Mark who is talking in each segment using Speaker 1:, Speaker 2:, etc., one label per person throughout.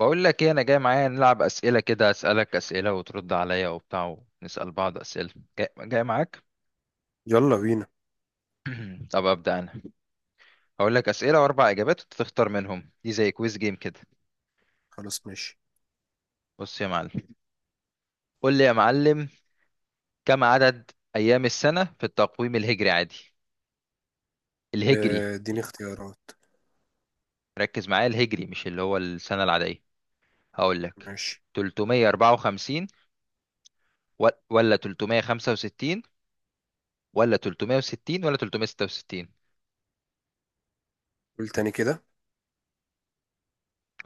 Speaker 1: بقول لك ايه؟ انا جاي، معايا نلعب اسئله كده، اسالك اسئله وترد عليا وبتاع ونسال بعض اسئله. جاي معاك.
Speaker 2: يلا بينا.
Speaker 1: طب ابدا انا هقول لك اسئله واربع اجابات وانت تختار منهم، دي زي كويز جيم كده.
Speaker 2: خلاص ماشي.
Speaker 1: بص يا معلم. قول لي يا معلم، كم عدد ايام السنه في التقويم الهجري عادي؟ الهجري.
Speaker 2: آه، اديني اختيارات.
Speaker 1: ركز معايا، الهجري مش اللي هو السنه العاديه. هقول لك:
Speaker 2: ماشي.
Speaker 1: 354 ولا 365 ولا 360 ولا 366.
Speaker 2: قول تاني كده.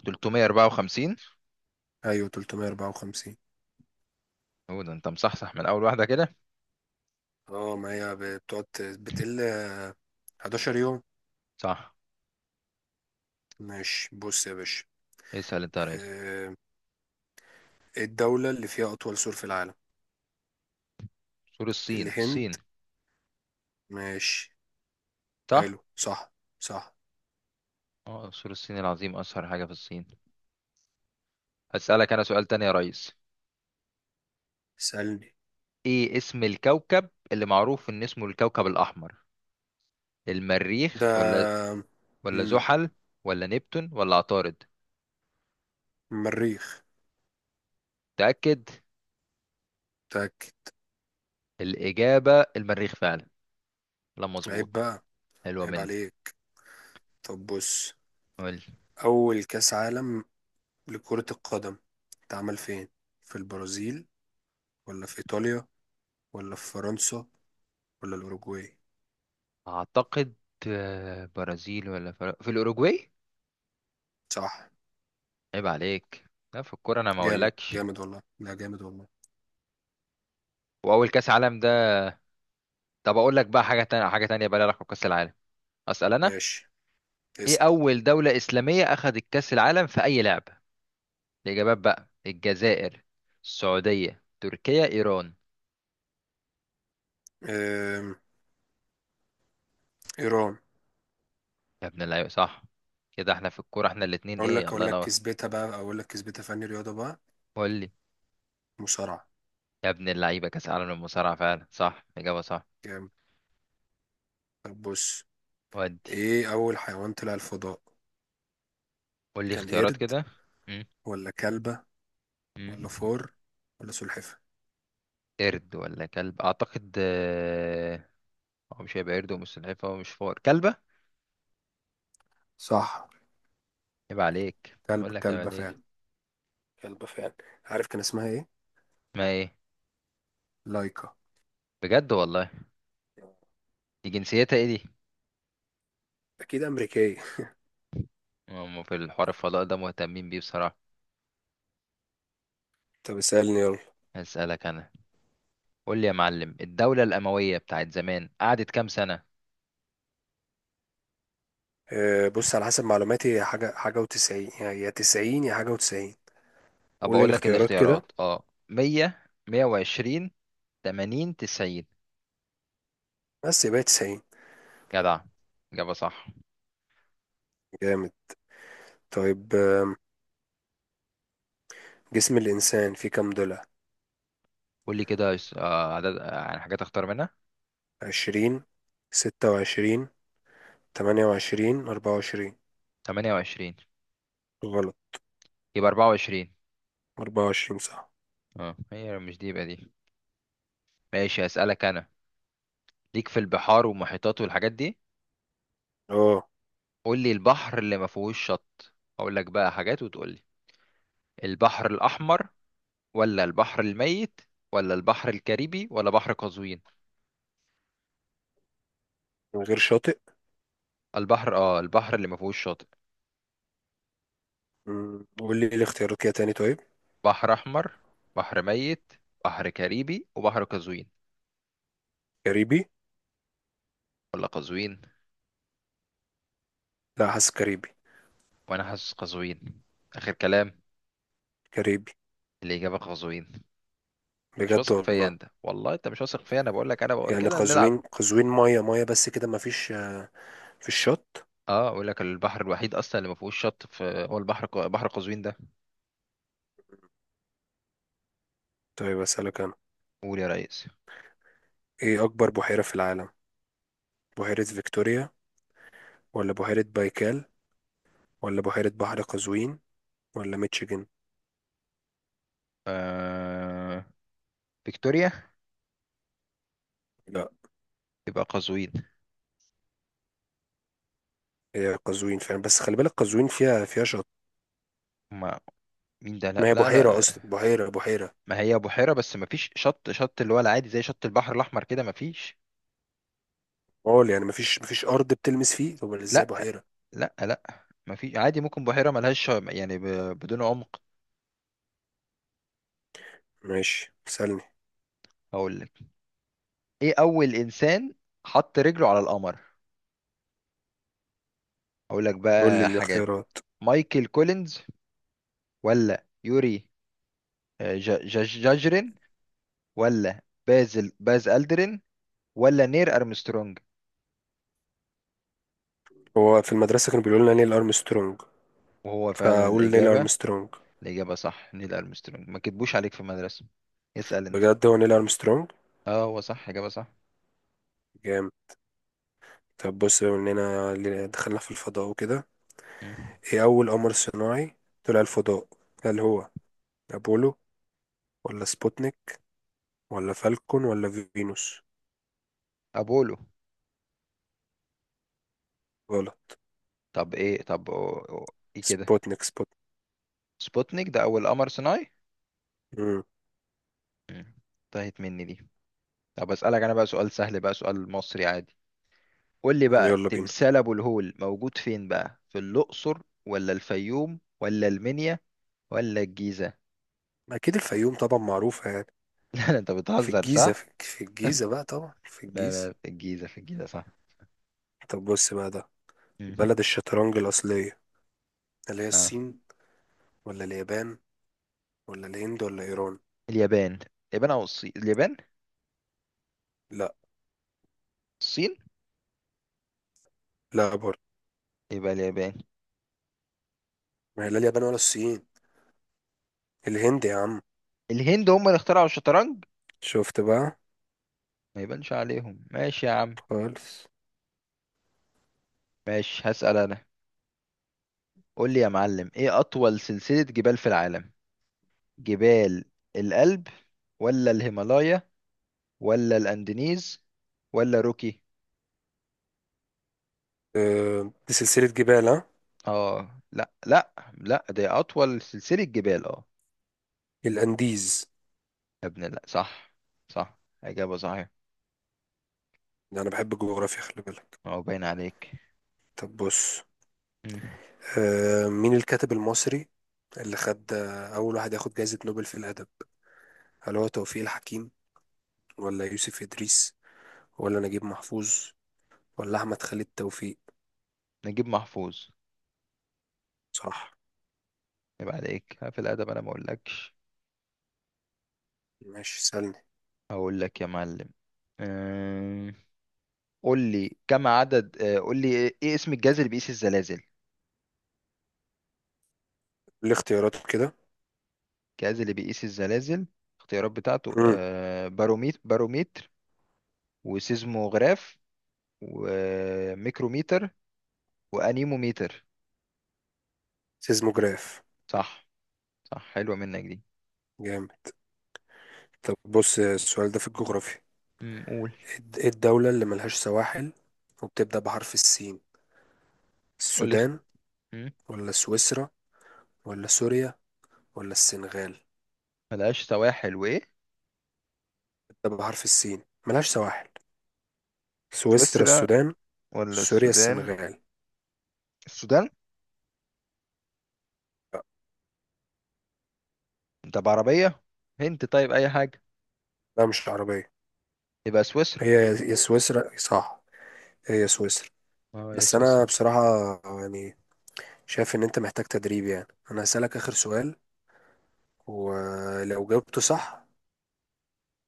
Speaker 1: 354.
Speaker 2: ايوه، 354.
Speaker 1: هو ده، انت مصحصح من اول واحده كده.
Speaker 2: اه، ما هي بتقعد بتقل 11 يوم.
Speaker 1: صح.
Speaker 2: ماشي، بص يا باشا.
Speaker 1: اسال انت يا ريس.
Speaker 2: آه، إيه الدولة اللي فيها أطول سور في العالم؟
Speaker 1: سور الصين.
Speaker 2: الهند.
Speaker 1: الصين.
Speaker 2: ماشي.
Speaker 1: صح.
Speaker 2: حلو، صح. صح.
Speaker 1: اه، سور الصين العظيم اشهر حاجه في الصين. اسالك انا سؤال تاني يا ريس:
Speaker 2: سألني.
Speaker 1: ايه اسم الكوكب اللي معروف ان اسمه الكوكب الاحمر؟ المريخ، ولا...
Speaker 2: ده.
Speaker 1: ولا
Speaker 2: مم.
Speaker 1: زحل، ولا نبتون، ولا عطارد؟
Speaker 2: مريخ.
Speaker 1: تاكد.
Speaker 2: متأكد.
Speaker 1: الاجابه المريخ فعلا. لا،
Speaker 2: عيب
Speaker 1: مظبوط.
Speaker 2: بقى.
Speaker 1: حلوه
Speaker 2: عيب
Speaker 1: منك.
Speaker 2: عليك. طب بص،
Speaker 1: قول لي.
Speaker 2: أول كأس عالم لكرة القدم اتعمل فين؟ في البرازيل ولا في إيطاليا ولا في فرنسا ولا الأوروجواي؟
Speaker 1: اعتقد برازيل، ولا في الاوروجواي.
Speaker 2: صح.
Speaker 1: عيب عليك. لا، في الكوره انا ما
Speaker 2: جامد،
Speaker 1: اقولكش.
Speaker 2: جامد والله. لا، جامد والله.
Speaker 1: واول كاس عالم ده. طب اقول لك بقى حاجه تانية، حاجه تانية بقى لها علاقه بكاس العالم. اسال انا:
Speaker 2: ماشي،
Speaker 1: ايه
Speaker 2: اسأل.
Speaker 1: اول دوله اسلاميه اخذت كاس العالم في اي لعبه؟ الاجابات بقى: الجزائر، السعوديه، تركيا، ايران.
Speaker 2: أم، إيران.
Speaker 1: يا ابن اللعيبه، صح. كده احنا في الكوره، احنا الاتنين، ايه، الله
Speaker 2: أقول لك
Speaker 1: ينور.
Speaker 2: كسبتها بقى. أقول لك كسبتها، فني رياضة بقى.
Speaker 1: قول لي.
Speaker 2: مصارعة.
Speaker 1: يا ابن اللعيبه، كاس العالم للمصارعه فعلا، صح، اجابه صح.
Speaker 2: جامد. طب بص،
Speaker 1: ودي.
Speaker 2: إيه أول حيوان طلع الفضاء؟
Speaker 1: قول لي
Speaker 2: كان
Speaker 1: اختيارات
Speaker 2: قرد
Speaker 1: كده. مم.
Speaker 2: ولا كلبة
Speaker 1: مم.
Speaker 2: ولا فار ولا سلحفاة؟
Speaker 1: قرد ولا كلب، اعتقد، آه. هو مش هيبقى قرد، ومش سلحفاه، ومش فار. كلبه.
Speaker 2: صح.
Speaker 1: يبقى عليك، بقول لك يبقى
Speaker 2: كلبة
Speaker 1: عليك.
Speaker 2: فعلا. كلبة فعلا. عارف كان اسمها إيه؟
Speaker 1: ما ايه؟
Speaker 2: لايكا.
Speaker 1: بجد والله؟ دي جنسيتها ايه دي؟
Speaker 2: أكيد أمريكية.
Speaker 1: هم في الحوار الفضاء ده مهتمين بيه بصراحة.
Speaker 2: طب اسألني يلا.
Speaker 1: هسألك انا. قول لي يا معلم، الدولة الأموية بتاعت زمان قعدت كام سنة؟
Speaker 2: بص، على حسب معلوماتي هي حاجة وتسعين، يعني يا 90 يا حاجة وتسعين.
Speaker 1: طب
Speaker 2: قول لي
Speaker 1: اقول لك
Speaker 2: الاختيارات كده.
Speaker 1: الاختيارات: اه، 100، 120، 80، 90.
Speaker 2: بس يبقى 90.
Speaker 1: جدع. إجابة صح.
Speaker 2: جامد. طيب. جسم الإنسان فيه كام ضلع؟
Speaker 1: قول لي كده، عدد، يعني حاجات اختار منها.
Speaker 2: 20، 26، 28، 24؟
Speaker 1: 28.
Speaker 2: غلط.
Speaker 1: يبقى 24.
Speaker 2: 24 صح.
Speaker 1: اه، هي مش دي، يبقى دي. ماشي، هسألك انا. ليك في البحار والمحيطات والحاجات دي.
Speaker 2: اه،
Speaker 1: قول لي البحر اللي ما فيهوش شط. اقول لك بقى حاجات وتقول لي: البحر الأحمر، ولا البحر الميت، ولا البحر الكاريبي، ولا بحر قزوين؟
Speaker 2: من غير شاطئ.
Speaker 1: البحر اللي ما فيهوش شاطئ.
Speaker 2: قول لي الاختيارات كده تاني طيب.
Speaker 1: بحر احمر، بحر ميت، بحر كاريبي، وبحر قزوين.
Speaker 2: كاريبي.
Speaker 1: ولا قزوين.
Speaker 2: لا، حاسس كاريبي.
Speaker 1: وانا حاسس قزوين. اخر كلام.
Speaker 2: كاريبي.
Speaker 1: الاجابه قزوين. مش
Speaker 2: بجد
Speaker 1: واثق فيا
Speaker 2: والله.
Speaker 1: انت والله، انت مش واثق فيا، انا بقول لك، انا بقول
Speaker 2: يعني
Speaker 1: كده نلعب.
Speaker 2: قزوين، قزوين مية مية، بس كده مفيش في الشط.
Speaker 1: اه، اقول لك البحر الوحيد اصلا اللي ما فيهوش شط في، هو بحر قزوين ده.
Speaker 2: طيب أسألك أنا،
Speaker 1: قول يا ريس.
Speaker 2: ايه اكبر بحيرة في العالم؟ بحيرة فيكتوريا ولا بحيرة بايكال ولا بحيرة بحر قزوين ولا ميتشيجن؟
Speaker 1: آه... فيكتوريا.
Speaker 2: لا.
Speaker 1: يبقى قزوين.
Speaker 2: هي قزوين فعلا، بس خلي بالك قزوين فيها شط.
Speaker 1: ما مين ده؟ لا،
Speaker 2: ما هي
Speaker 1: لا،
Speaker 2: بحيرة
Speaker 1: لا.
Speaker 2: اصلا، بحيرة بحيرة.
Speaker 1: ما هي بحيرة، بس ما فيش شط، شط اللي هو العادي، زي شط البحر الأحمر كده، ما فيش.
Speaker 2: قول، يعني مفيش ارض بتلمس فيه، طب ازاي
Speaker 1: لا،
Speaker 2: بحيرة؟
Speaker 1: لا، لا، ما فيش عادي، ممكن بحيرة ملهاش يعني بدون عمق.
Speaker 2: ماشي سألني.
Speaker 1: هقول لك: ايه أول إنسان حط رجله على القمر؟ هقول لك
Speaker 2: قول لي
Speaker 1: بقى حاجات:
Speaker 2: الاختيارات.
Speaker 1: مايكل كولينز، ولا يوري جاجرين، ولا باز ألدرين، ولا نير أرمسترونج؟
Speaker 2: هو في المدرسة كانوا بيقولوا لنا نيل ارمسترونج،
Speaker 1: وهو فعلا
Speaker 2: فاقول نيل
Speaker 1: الإجابة.
Speaker 2: ارمسترونج.
Speaker 1: الإجابة صح، نيل أرمسترونج. ما كتبوش عليك في المدرسة؟ اسأل أنت.
Speaker 2: بجد هو نيل ارمسترونج.
Speaker 1: اه، هو صح، إجابة صح.
Speaker 2: جامد. طب بص، بما اننا دخلنا في الفضاء وكده،
Speaker 1: مم.
Speaker 2: ايه اول قمر صناعي طلع الفضاء؟ هل هو أبولو ولا سبوتنيك ولا فالكون ولا فينوس؟
Speaker 1: ابولو.
Speaker 2: غلط.
Speaker 1: طب ايه؟ ايه كده.
Speaker 2: سبوتنيك، سبوتنيك.
Speaker 1: سبوتنيك ده اول قمر صناعي.
Speaker 2: مم.
Speaker 1: مم. انتهت مني دي. طب اسالك انا بقى سؤال سهل، بقى سؤال مصري عادي. قول لي بقى،
Speaker 2: يلا بينا.
Speaker 1: تمثال ابو الهول موجود فين بقى؟ في الاقصر، ولا الفيوم، ولا المنيا، ولا الجيزه؟
Speaker 2: أكيد الفيوم طبعا معروفة يعني.
Speaker 1: لا، لا، انت
Speaker 2: في
Speaker 1: بتهزر،
Speaker 2: الجيزة،
Speaker 1: صح؟
Speaker 2: في الجيزة بقى، طبعا في
Speaker 1: لا،
Speaker 2: الجيزة.
Speaker 1: لا، في الجيزه، في الجيزه، صح.
Speaker 2: طب بص بقى ده،
Speaker 1: مم.
Speaker 2: بلد الشطرنج الأصلية اللي هي
Speaker 1: اه.
Speaker 2: الصين ولا اليابان ولا الهند ولا إيران؟
Speaker 1: اليابان. اليابان او الصين. اليابان.
Speaker 2: لا.
Speaker 1: الصين.
Speaker 2: لا برضه.
Speaker 1: يبقى اليابان.
Speaker 2: ما هي لا اليابان ولا الصين. الهند يا عم.
Speaker 1: الهند هم اللي اخترعوا الشطرنج.
Speaker 2: شفت بقى.
Speaker 1: ما يبانش عليهم، ماشي يا عم.
Speaker 2: خالص.
Speaker 1: ماشي، هسأل انا. قول لي يا معلم: ايه اطول سلسلة جبال في العالم؟ جبال الألب، ولا الهيمالايا، ولا الانديز، ولا روكي؟
Speaker 2: أه، دي سلسلة جبال ها.
Speaker 1: اه، لا، لا، لا، دي اطول سلسلة جبال، اه.
Speaker 2: الأنديز.
Speaker 1: يا ابن لا، صح. صح. اجابة صحيحة.
Speaker 2: ده أنا بحب الجغرافيا، خلي بالك.
Speaker 1: اه، باين عليك.
Speaker 2: طب بص،
Speaker 1: مم.
Speaker 2: مين الكاتب المصري اللي خد أول واحد ياخد جائزة نوبل في الأدب؟ هل هو توفيق الحكيم ولا يوسف إدريس ولا نجيب محفوظ ولا أحمد خالد توفيق؟
Speaker 1: نجيب محفوظ.
Speaker 2: صح.
Speaker 1: يبقى عليك في الادب، انا ما اقولكش.
Speaker 2: ماشي سألني.
Speaker 1: اقول لك يا معلم. أم، قول لي كم عدد آه، قول لي ايه، اسم الجهاز اللي بيقيس الزلازل؟
Speaker 2: الاختيارات كده.
Speaker 1: الجهاز اللي بيقيس الزلازل. الاختيارات بتاعته:
Speaker 2: مم.
Speaker 1: باروميتر، وسيزموغراف، وميكروميتر، وانيموميتر.
Speaker 2: سيزموجراف.
Speaker 1: صح. صح، حلوة منك دي.
Speaker 2: جامد. طب بص، السؤال ده في الجغرافيا.
Speaker 1: مم، قول.
Speaker 2: إيه الدولة اللي ملهاش سواحل وبتبدأ بحرف السين؟
Speaker 1: قول لي اخت-
Speaker 2: السودان
Speaker 1: مم،
Speaker 2: ولا سويسرا ولا سوريا ولا السنغال؟
Speaker 1: ملهاش سواحل، وايه؟
Speaker 2: بتبدأ بحرف السين ملهاش سواحل. سويسرا،
Speaker 1: سويسرا،
Speaker 2: السودان،
Speaker 1: ولا
Speaker 2: سوريا،
Speaker 1: السودان؟
Speaker 2: السنغال.
Speaker 1: السودان.
Speaker 2: لا.
Speaker 1: انت بعربية. هنت، طيب، اي حاجة.
Speaker 2: لا، مش عربية.
Speaker 1: يبقى سويسرا.
Speaker 2: هي يا سويسرا صح. هي يا سويسرا.
Speaker 1: اه، يا
Speaker 2: بس أنا
Speaker 1: سويسرا.
Speaker 2: بصراحة، يعني، شايف إن أنت محتاج تدريب. يعني أنا هسألك آخر سؤال، ولو جاوبته صح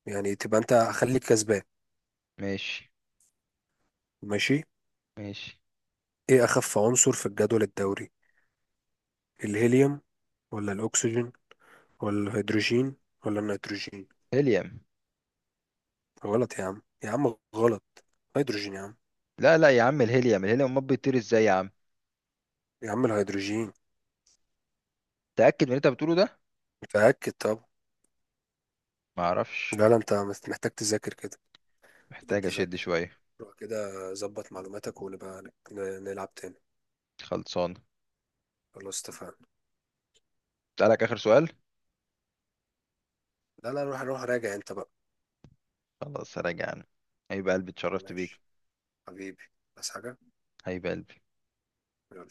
Speaker 2: يعني تبقى أنت، هخليك كسبان.
Speaker 1: ماشي.
Speaker 2: ماشي.
Speaker 1: ماشي.
Speaker 2: إيه أخف عنصر في الجدول الدوري؟ الهيليوم ولا الأكسجين ولا الهيدروجين ولا النيتروجين؟
Speaker 1: هيليوم.
Speaker 2: غلط يا عم، يا عم غلط. هيدروجين يا عم.
Speaker 1: لا، لا، يا عم، الهيليوم ما بيطير ازاي يا عم؟
Speaker 2: يا عم الهيدروجين.
Speaker 1: تأكد من اللي انت بتقوله ده.
Speaker 2: متأكد. طب.
Speaker 1: ما اعرفش.
Speaker 2: لا، لا، أنت محتاج تذاكر كده. محتاج
Speaker 1: محتاج اشد
Speaker 2: تذاكر.
Speaker 1: شوية.
Speaker 2: روح كده، ظبط معلوماتك ونبقى نلعب تاني.
Speaker 1: خلصان.
Speaker 2: خلاص اتفقنا.
Speaker 1: اسألك آخر سؤال.
Speaker 2: لا، لا، روح روح راجع انت بقى.
Speaker 1: خلاص، راجع أنا. هيبقى قلبي، اتشرفت بيك.
Speaker 2: ماشي. حبيبي. بس حاجة.
Speaker 1: هيبقى قلبي.
Speaker 2: يلا.